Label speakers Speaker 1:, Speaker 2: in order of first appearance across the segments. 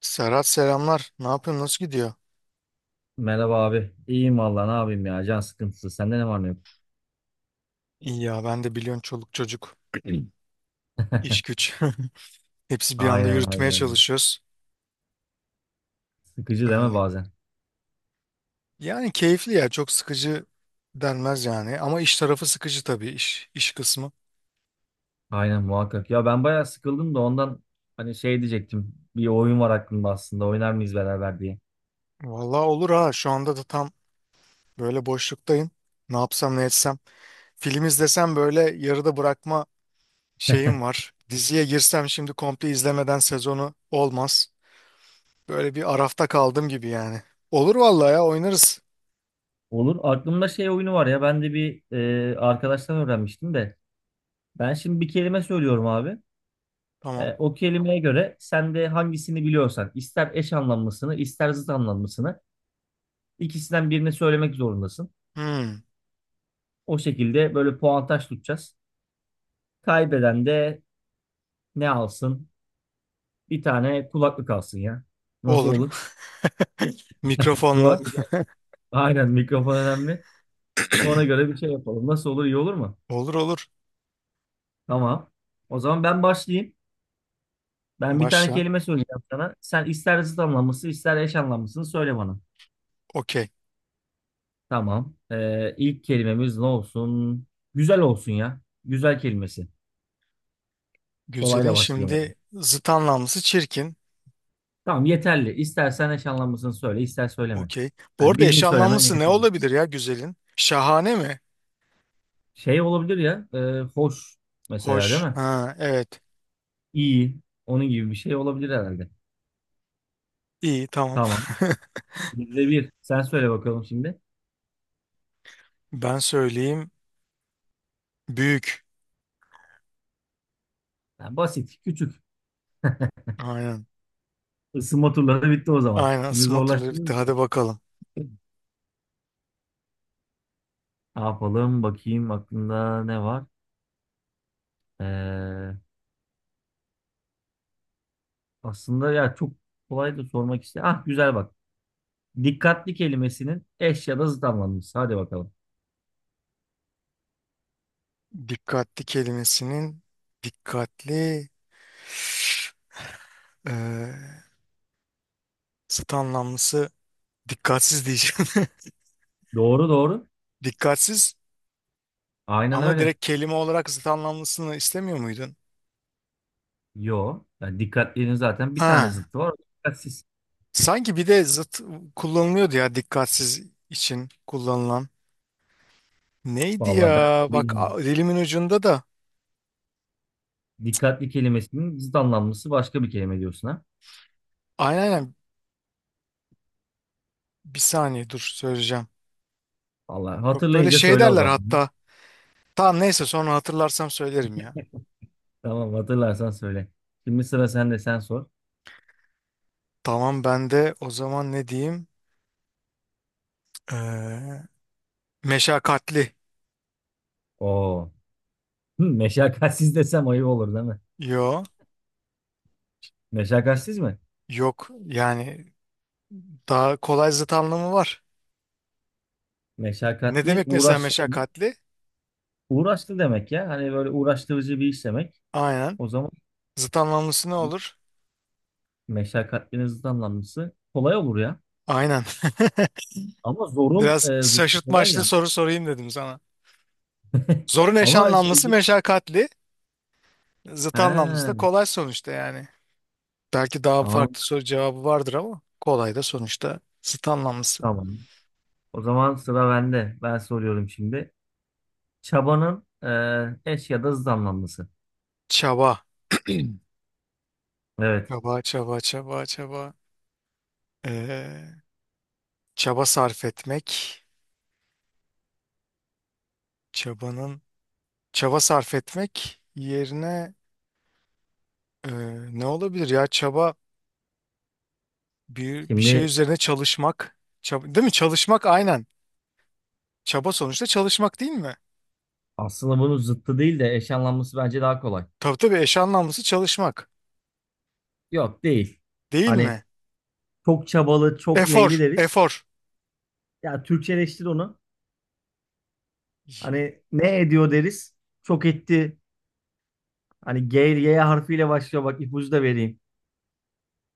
Speaker 1: Serhat selamlar. Ne yapıyorsun? Nasıl gidiyor?
Speaker 2: Merhaba abi. İyiyim vallahi ne yapayım ya. Can sıkıntısı. Sende ne var ne yok?
Speaker 1: İyi ya ben de biliyorsun çoluk çocuk, iş güç. Hepsi bir anda
Speaker 2: Aynen aynen.
Speaker 1: yürütmeye
Speaker 2: aynen.
Speaker 1: çalışıyoruz.
Speaker 2: Sıkıcı deme
Speaker 1: Öyle.
Speaker 2: bazen.
Speaker 1: Yani keyifli ya çok sıkıcı denmez yani. Ama iş tarafı sıkıcı tabii iş kısmı.
Speaker 2: Aynen muhakkak. Ya ben bayağı sıkıldım da ondan hani diyecektim. Bir oyun var aklımda aslında. Oynar mıyız beraber diye.
Speaker 1: Vallahi olur ha şu anda da tam böyle boşluktayım. Ne yapsam ne etsem. Film izlesem böyle yarıda bırakma şeyim var. Diziye girsem şimdi komple izlemeden sezonu olmaz. Böyle bir arafta kaldım gibi yani. Olur vallahi ya oynarız.
Speaker 2: Olur. Aklımda oyunu var ya. Ben de bir arkadaştan öğrenmiştim de. Ben şimdi bir kelime söylüyorum abi.
Speaker 1: Tamam.
Speaker 2: O kelimeye göre sen de hangisini biliyorsan ister eş anlamlısını ister zıt anlamlısını ikisinden birini söylemek zorundasın.
Speaker 1: Hmm.
Speaker 2: O şekilde böyle puantaj tutacağız. Kaybeden de ne alsın? Bir tane kulaklık alsın ya. Nasıl
Speaker 1: Olur.
Speaker 2: olur? Mikro...
Speaker 1: Mikrofonla.
Speaker 2: Aynen, mikrofon önemli. Ona göre bir şey yapalım. Nasıl olur? İyi olur mu?
Speaker 1: Olur olur.
Speaker 2: Tamam. O zaman ben başlayayım. Ben bir tane
Speaker 1: Başla.
Speaker 2: kelime söyleyeceğim sana. Sen ister zıt anlamlısı ister eş anlamlısını söyle bana.
Speaker 1: Okey.
Speaker 2: Tamam. İlk kelimemiz ne olsun? Güzel olsun ya. Güzel kelimesi.
Speaker 1: Güzelin
Speaker 2: Kolayla başlayamadım.
Speaker 1: şimdi zıt anlamlısı çirkin.
Speaker 2: Tamam, yeterli. İstersen eş anlamlısını söyle, ister söyleme.
Speaker 1: Okey. Bu
Speaker 2: Yani
Speaker 1: arada
Speaker 2: birini
Speaker 1: eş
Speaker 2: söylemen
Speaker 1: anlamlısı ne
Speaker 2: yeterli.
Speaker 1: olabilir ya güzelin? Şahane mi?
Speaker 2: Olabilir ya. Hoş mesela, değil
Speaker 1: Hoş.
Speaker 2: mi?
Speaker 1: Ha, evet.
Speaker 2: İyi. Onun gibi bir şey olabilir herhalde.
Speaker 1: İyi, tamam.
Speaker 2: Tamam. Bizde bir. Sen söyle bakalım şimdi.
Speaker 1: Ben söyleyeyim. Büyük.
Speaker 2: Ha, basit. Küçük.
Speaker 1: Aynen.
Speaker 2: Isınma turları bitti o zaman.
Speaker 1: Aynen,
Speaker 2: Şimdi
Speaker 1: smatterları bitti.
Speaker 2: zorlaştırıyoruz.
Speaker 1: Hadi bakalım.
Speaker 2: Ne yapalım? Bakayım aklında ne var? Ee, Aslında ya çok kolay da sormak istedim. Ah güzel bak. Dikkatli kelimesinin eş ya da zıt anlamlısı. Hadi bakalım.
Speaker 1: Dikkatli kelimesinin dikkatli eee zıt anlamlısı dikkatsiz diyeceğim.
Speaker 2: Doğru doğru.
Speaker 1: Dikkatsiz.
Speaker 2: Aynen
Speaker 1: Ama
Speaker 2: öyle.
Speaker 1: direkt kelime olarak zıt anlamlısını istemiyor muydun?
Speaker 2: Yo. Yani dikkatliğinin zaten bir tane
Speaker 1: Ha,
Speaker 2: zıttı var, o da: dikkatsiz.
Speaker 1: sanki bir de zıt kullanılıyordu ya dikkatsiz için kullanılan. Neydi
Speaker 2: Vallahi ben
Speaker 1: ya?
Speaker 2: onu
Speaker 1: Bak
Speaker 2: bilmiyorum.
Speaker 1: dilimin ucunda da.
Speaker 2: Dikkatli kelimesinin zıt anlamlısı başka bir kelime diyorsun ha.
Speaker 1: Aynen aynen. Bir saniye dur, söyleyeceğim.
Speaker 2: Vallahi
Speaker 1: Çok böyle
Speaker 2: hatırlayınca
Speaker 1: şey
Speaker 2: söyle o
Speaker 1: derler
Speaker 2: zaman.
Speaker 1: hatta. Tamam neyse sonra hatırlarsam söylerim ya.
Speaker 2: Tamam, hatırlarsan söyle. Şimdi sıra sende, sen sor.
Speaker 1: Tamam ben de o zaman ne diyeyim? Ee, Meşakkatli.
Speaker 2: Oo. Hı, meşakkatsiz desem ayıp olur değil mi?
Speaker 1: Yo.
Speaker 2: Meşakkatsiz mi?
Speaker 1: Yok yani daha kolay zıt anlamı var. Ne
Speaker 2: Meşakkatli,
Speaker 1: demek mesela
Speaker 2: uğraşlı demek.
Speaker 1: meşakkatli?
Speaker 2: Uğraşlı demek ya. Hani böyle uğraştırıcı bir iş demek.
Speaker 1: Aynen.
Speaker 2: O zaman
Speaker 1: Zıt anlamlısı ne olur?
Speaker 2: meşakkatlinin zıt anlamlısı kolay olur ya.
Speaker 1: Aynen.
Speaker 2: Ama zorun
Speaker 1: Biraz
Speaker 2: zıttı kolay
Speaker 1: şaşırtmaçlı
Speaker 2: ya.
Speaker 1: soru sorayım dedim sana. Zorun eş
Speaker 2: Ama şey
Speaker 1: anlamlısı
Speaker 2: gibi.
Speaker 1: meşakkatli.
Speaker 2: He,
Speaker 1: Zıt anlamlısı da kolay sonuçta yani. Belki daha
Speaker 2: anladım.
Speaker 1: farklı soru cevabı vardır ama kolay da sonuçta zıt anlamlısı.
Speaker 2: Tamam. O zaman sıra bende. Ben soruyorum şimdi. Çabanın eş ya da zıt anlamlısı.
Speaker 1: Çaba.
Speaker 2: Evet.
Speaker 1: Çaba, çaba, çaba, çaba. Ee, çaba sarf etmek. Çabanın çaba sarf etmek yerine ee, ne olabilir ya? Çaba bir şey
Speaker 2: Şimdi
Speaker 1: üzerine çalışmak. Çaba, değil mi? Çalışmak aynen. Çaba sonuçta çalışmak değil mi?
Speaker 2: aslında bunun zıttı değil de eş anlamlısı bence daha kolay.
Speaker 1: Tabii tabii eş anlamlısı çalışmak.
Speaker 2: Yok değil.
Speaker 1: Değil
Speaker 2: Hani
Speaker 1: mi?
Speaker 2: çok çabalı, çok
Speaker 1: Efor,
Speaker 2: neyli deriz.
Speaker 1: efor.
Speaker 2: Ya Türkçeleştir onu. Hani ne ediyor deriz. Çok etti. Hani G, Y harfiyle başlıyor. Bak ipucu da vereyim.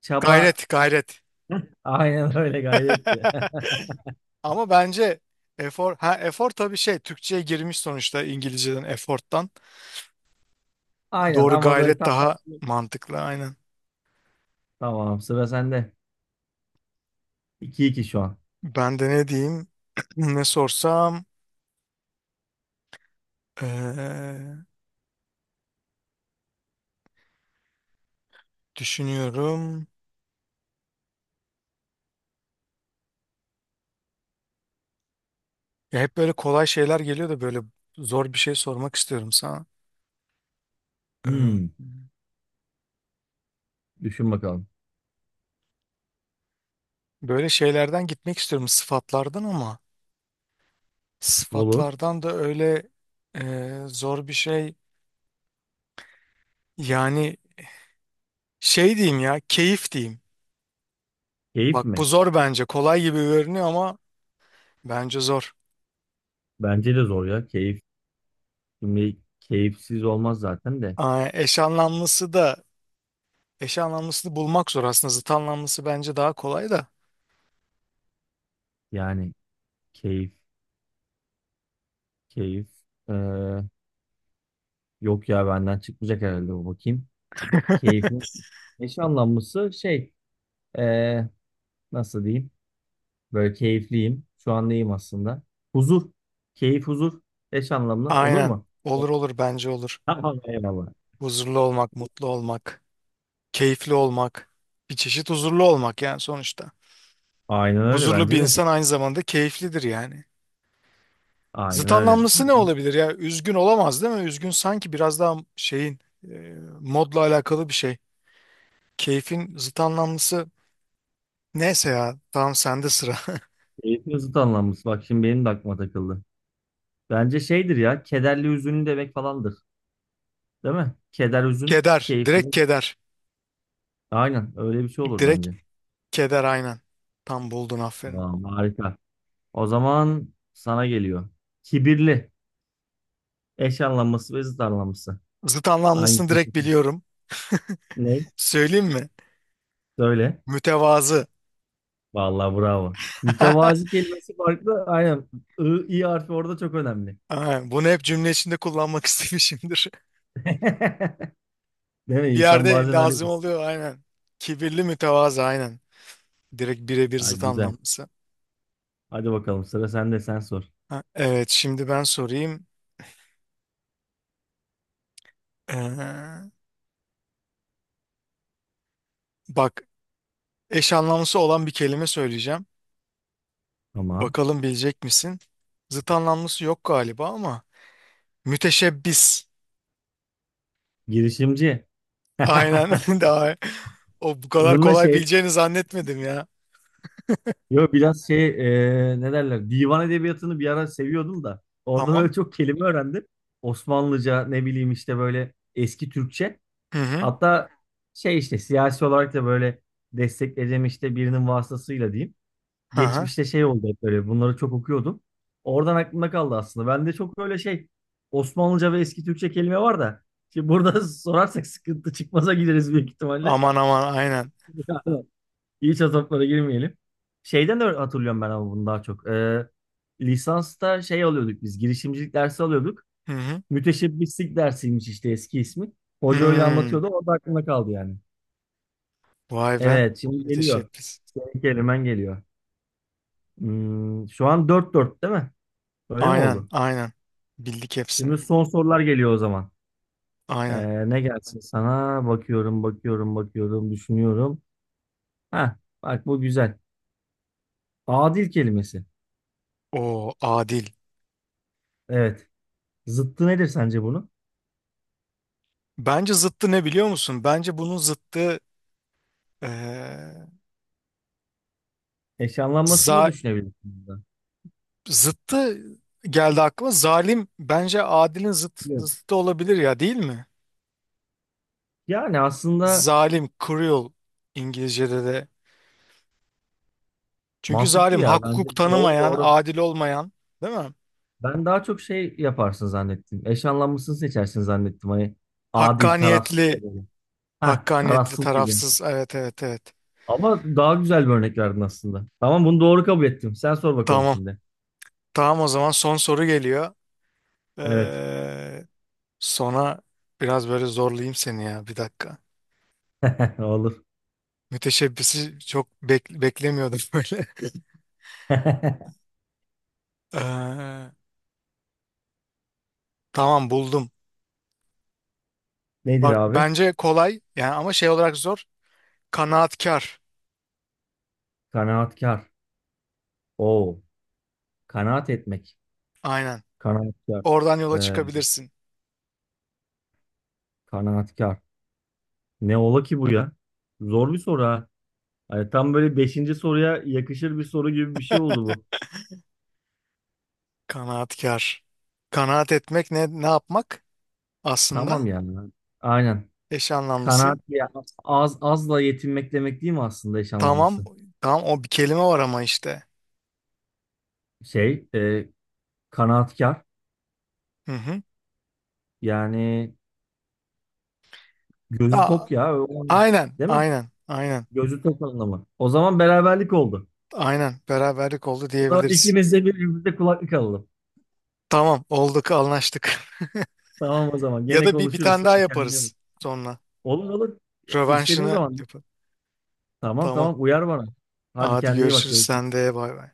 Speaker 2: Çaba
Speaker 1: Gayret, gayret.
Speaker 2: aynen öyle, gayretti.
Speaker 1: Ama bence efor, ha efor tabii şey Türkçe'ye girmiş sonuçta İngilizceden efforttan.
Speaker 2: Aynen,
Speaker 1: Doğru,
Speaker 2: ama böyle
Speaker 1: gayret
Speaker 2: tam
Speaker 1: daha
Speaker 2: karşılığı.
Speaker 1: mantıklı aynen.
Speaker 2: Tamam, sıra sende. 2 iki şu an.
Speaker 1: Ben de ne diyeyim? Ne sorsam. Ee, düşünüyorum. Ya hep böyle kolay şeyler geliyor da böyle zor bir şey sormak istiyorum sana. Ee,
Speaker 2: Hmm, düşün bakalım.
Speaker 1: böyle şeylerden gitmek istiyorum sıfatlardan ama.
Speaker 2: Olur.
Speaker 1: Sıfatlardan da öyle zor bir şey. Yani şey diyeyim ya, keyif diyeyim.
Speaker 2: Keyif
Speaker 1: Bak bu
Speaker 2: mi?
Speaker 1: zor bence. Kolay gibi görünüyor ama bence zor.
Speaker 2: Bence de zor ya. Keyif. Şimdi keyifsiz olmaz zaten de.
Speaker 1: Aa, eş anlamlısı da eş anlamlısını bulmak zor aslında. Zıt anlamlısı bence daha kolay da.
Speaker 2: Yani keyif, keyif. Ee, Yok ya benden çıkmayacak herhalde bu, bakayım. Keyfin eş anlamlısı ee, nasıl diyeyim? Böyle keyifliyim. Şu an neyim aslında? Huzur. Keyif, huzur. Eş anlamlı olur
Speaker 1: Aynen.
Speaker 2: mu?
Speaker 1: Olur
Speaker 2: Evet.
Speaker 1: olur, bence olur.
Speaker 2: Tamam, eyvallah.
Speaker 1: Huzurlu olmak, mutlu olmak, keyifli olmak. Bir çeşit huzurlu olmak yani sonuçta.
Speaker 2: Aynen öyle
Speaker 1: Huzurlu bir
Speaker 2: bence de.
Speaker 1: insan aynı zamanda keyiflidir yani.
Speaker 2: Aynen
Speaker 1: Zıt
Speaker 2: öyle.
Speaker 1: anlamlısı ne
Speaker 2: Tamam.
Speaker 1: olabilir ya? Üzgün olamaz değil mi? Üzgün sanki biraz daha şeyin e, modla alakalı bir şey. Keyfin zıt anlamlısı neyse ya. Tamam sende sıra.
Speaker 2: Keyfin zıt anlamlısı. Bak şimdi benim de aklıma takıldı. Bence şeydir ya. Kederli, hüzünlü demek falandır. Değil mi? Keder, hüzün.
Speaker 1: Keder.
Speaker 2: Keyifli.
Speaker 1: Direkt keder.
Speaker 2: Aynen öyle bir şey olur
Speaker 1: Direkt
Speaker 2: bence.
Speaker 1: keder aynen. Tam buldun, aferin.
Speaker 2: Tamam, harika. O zaman sana geliyor. Kibirli. Eş anlamlısı ve zıt anlamlısı.
Speaker 1: Zıt anlamlısını
Speaker 2: Hangisini
Speaker 1: direkt
Speaker 2: seçersin?
Speaker 1: biliyorum.
Speaker 2: Ne?
Speaker 1: Söyleyeyim mi?
Speaker 2: Söyle.
Speaker 1: Mütevazı.
Speaker 2: Vallahi bravo. Mütevazi kelimesi farklı. Aynen. I, i harfi orada çok önemli.
Speaker 1: Ha, bunu hep cümle içinde kullanmak istemişimdir.
Speaker 2: Değil mi?
Speaker 1: Bir
Speaker 2: İnsan
Speaker 1: yerde
Speaker 2: bazen öyle.
Speaker 1: lazım oluyor aynen. Kibirli mütevazı aynen. Direkt birebir
Speaker 2: Ay
Speaker 1: zıt
Speaker 2: güzel.
Speaker 1: anlamlısı.
Speaker 2: Hadi bakalım, sıra sende, sen sor.
Speaker 1: Ha, evet, şimdi ben sorayım. Ee, bak eş anlamlısı olan bir kelime söyleyeceğim.
Speaker 2: Tamam.
Speaker 1: Bakalım bilecek misin? Zıt anlamlısı yok galiba ama müteşebbis.
Speaker 2: Girişimci.
Speaker 1: Aynen daha o bu kadar
Speaker 2: Bununla
Speaker 1: kolay
Speaker 2: şey
Speaker 1: bileceğini zannetmedim ya.
Speaker 2: Yo, biraz ne derler, divan edebiyatını bir ara seviyordum da orada böyle
Speaker 1: Tamam.
Speaker 2: çok kelime öğrendim. Osmanlıca, ne bileyim işte, böyle eski Türkçe.
Speaker 1: Hı hı.
Speaker 2: Hatta işte siyasi olarak da böyle destekleyeceğim işte, birinin vasıtasıyla diyeyim.
Speaker 1: Hı hı.
Speaker 2: Geçmişte oldu, hep böyle bunları çok okuyordum. Oradan aklımda kaldı aslında. Bende çok böyle Osmanlıca ve eski Türkçe kelime var da. Şimdi burada sorarsak sıkıntı, çıkmaza gideriz büyük ihtimalle.
Speaker 1: Aman aman aynen.
Speaker 2: İç azaplara girmeyelim. Şeyden de hatırlıyorum ben ama bunu daha çok. Lisansta alıyorduk biz. Girişimcilik dersi alıyorduk.
Speaker 1: Hı hı.
Speaker 2: Müteşebbislik dersiymiş işte, eski ismi. Hoca öyle
Speaker 1: Hmm.
Speaker 2: anlatıyordu. O da aklımda kaldı yani.
Speaker 1: Vay be.
Speaker 2: Evet, şimdi geliyor.
Speaker 1: Müteşebbis.
Speaker 2: Senin kelimen geliyor. Hmm, şu an dört dört değil mi? Öyle mi
Speaker 1: Aynen
Speaker 2: oldu?
Speaker 1: aynen. Bildik
Speaker 2: Şimdi
Speaker 1: hepsini.
Speaker 2: son sorular geliyor o zaman.
Speaker 1: Aynen.
Speaker 2: Ne gelsin sana? Bakıyorum, bakıyorum, bakıyorum, düşünüyorum. Ha, bak bu güzel. Adil kelimesi.
Speaker 1: O adil.
Speaker 2: Evet. Zıttı nedir sence bunun?
Speaker 1: Bence zıttı ne biliyor musun? Bence bunun zıttı Ee,
Speaker 2: Eşyalanmasını da
Speaker 1: za
Speaker 2: düşünebilirsiniz. De.
Speaker 1: zıttı geldi aklıma. Zalim bence adilin
Speaker 2: Evet.
Speaker 1: zıttı olabilir ya değil mi?
Speaker 2: Yani aslında
Speaker 1: Zalim, cruel İngilizce'de de. Çünkü
Speaker 2: mantıklı
Speaker 1: zalim
Speaker 2: ya.
Speaker 1: hak
Speaker 2: Bence
Speaker 1: hukuk
Speaker 2: doğru
Speaker 1: tanımayan,
Speaker 2: doğru.
Speaker 1: adil olmayan değil mi?
Speaker 2: Ben daha çok şey yaparsın zannettim. Eşanlanmasını seçersin zannettim. Hani adil, tarafsız
Speaker 1: Hakkaniyetli,
Speaker 2: ya böyle. Ha,
Speaker 1: hakkaniyetli
Speaker 2: tarafsız gibi.
Speaker 1: tarafsız. Evet evet evet.
Speaker 2: Ama daha güzel bir örnek verdin aslında. Tamam, bunu doğru kabul ettim. Sen sor bakalım
Speaker 1: Tamam.
Speaker 2: şimdi.
Speaker 1: Tamam o zaman son soru geliyor.
Speaker 2: Evet.
Speaker 1: Ee, sona biraz böyle zorlayayım seni ya, bir dakika.
Speaker 2: Olur.
Speaker 1: Müteşebbisi çok beklemiyordum böyle. Ee, tamam buldum.
Speaker 2: Nedir
Speaker 1: Bak
Speaker 2: abi?
Speaker 1: bence kolay yani ama şey olarak zor. Kanaatkar.
Speaker 2: Kanaatkar. Oo. Kanaat etmek.
Speaker 1: Aynen.
Speaker 2: Kanaatkar.
Speaker 1: Oradan yola
Speaker 2: Ee,
Speaker 1: çıkabilirsin.
Speaker 2: Kanaatkar. Ne ola ki bu ya? Zor bir soru ha. Hani tam böyle beşinci soruya yakışır bir soru gibi bir şey oldu bu.
Speaker 1: Kanaatkar. Kanaat etmek ne yapmak aslında?
Speaker 2: Tamam yani. Aynen.
Speaker 1: Eş anlamlısı.
Speaker 2: Kanaat ya, az azla yetinmek demek değil mi aslında, eş
Speaker 1: Tamam.
Speaker 2: anlamlısı?
Speaker 1: Tamam o bir kelime var ama işte.
Speaker 2: Şey, e, kanaatkar
Speaker 1: Hı hı.
Speaker 2: yani gözü
Speaker 1: Aa,
Speaker 2: tok ya o anlam-
Speaker 1: aynen.
Speaker 2: değil mi?
Speaker 1: Aynen. Aynen.
Speaker 2: Gözü tok anlamı. O zaman beraberlik oldu.
Speaker 1: Aynen. Beraberlik oldu
Speaker 2: O zaman
Speaker 1: diyebiliriz.
Speaker 2: ikimiz de birbirimize kulaklık alalım.
Speaker 1: Tamam olduk, anlaştık.
Speaker 2: Tamam o zaman.
Speaker 1: Ya
Speaker 2: Gene
Speaker 1: da bir
Speaker 2: konuşuruz.
Speaker 1: tane daha
Speaker 2: Hadi kendine bak.
Speaker 1: yaparız sonra.
Speaker 2: Olur olur. Ya, İstediğin
Speaker 1: Rövanşını
Speaker 2: zaman.
Speaker 1: yapalım.
Speaker 2: Tamam
Speaker 1: Tamam.
Speaker 2: tamam uyar bana. Hadi
Speaker 1: Hadi
Speaker 2: kendine iyi bak.
Speaker 1: görüşürüz, sen
Speaker 2: Görüşürüz.
Speaker 1: de bay bay.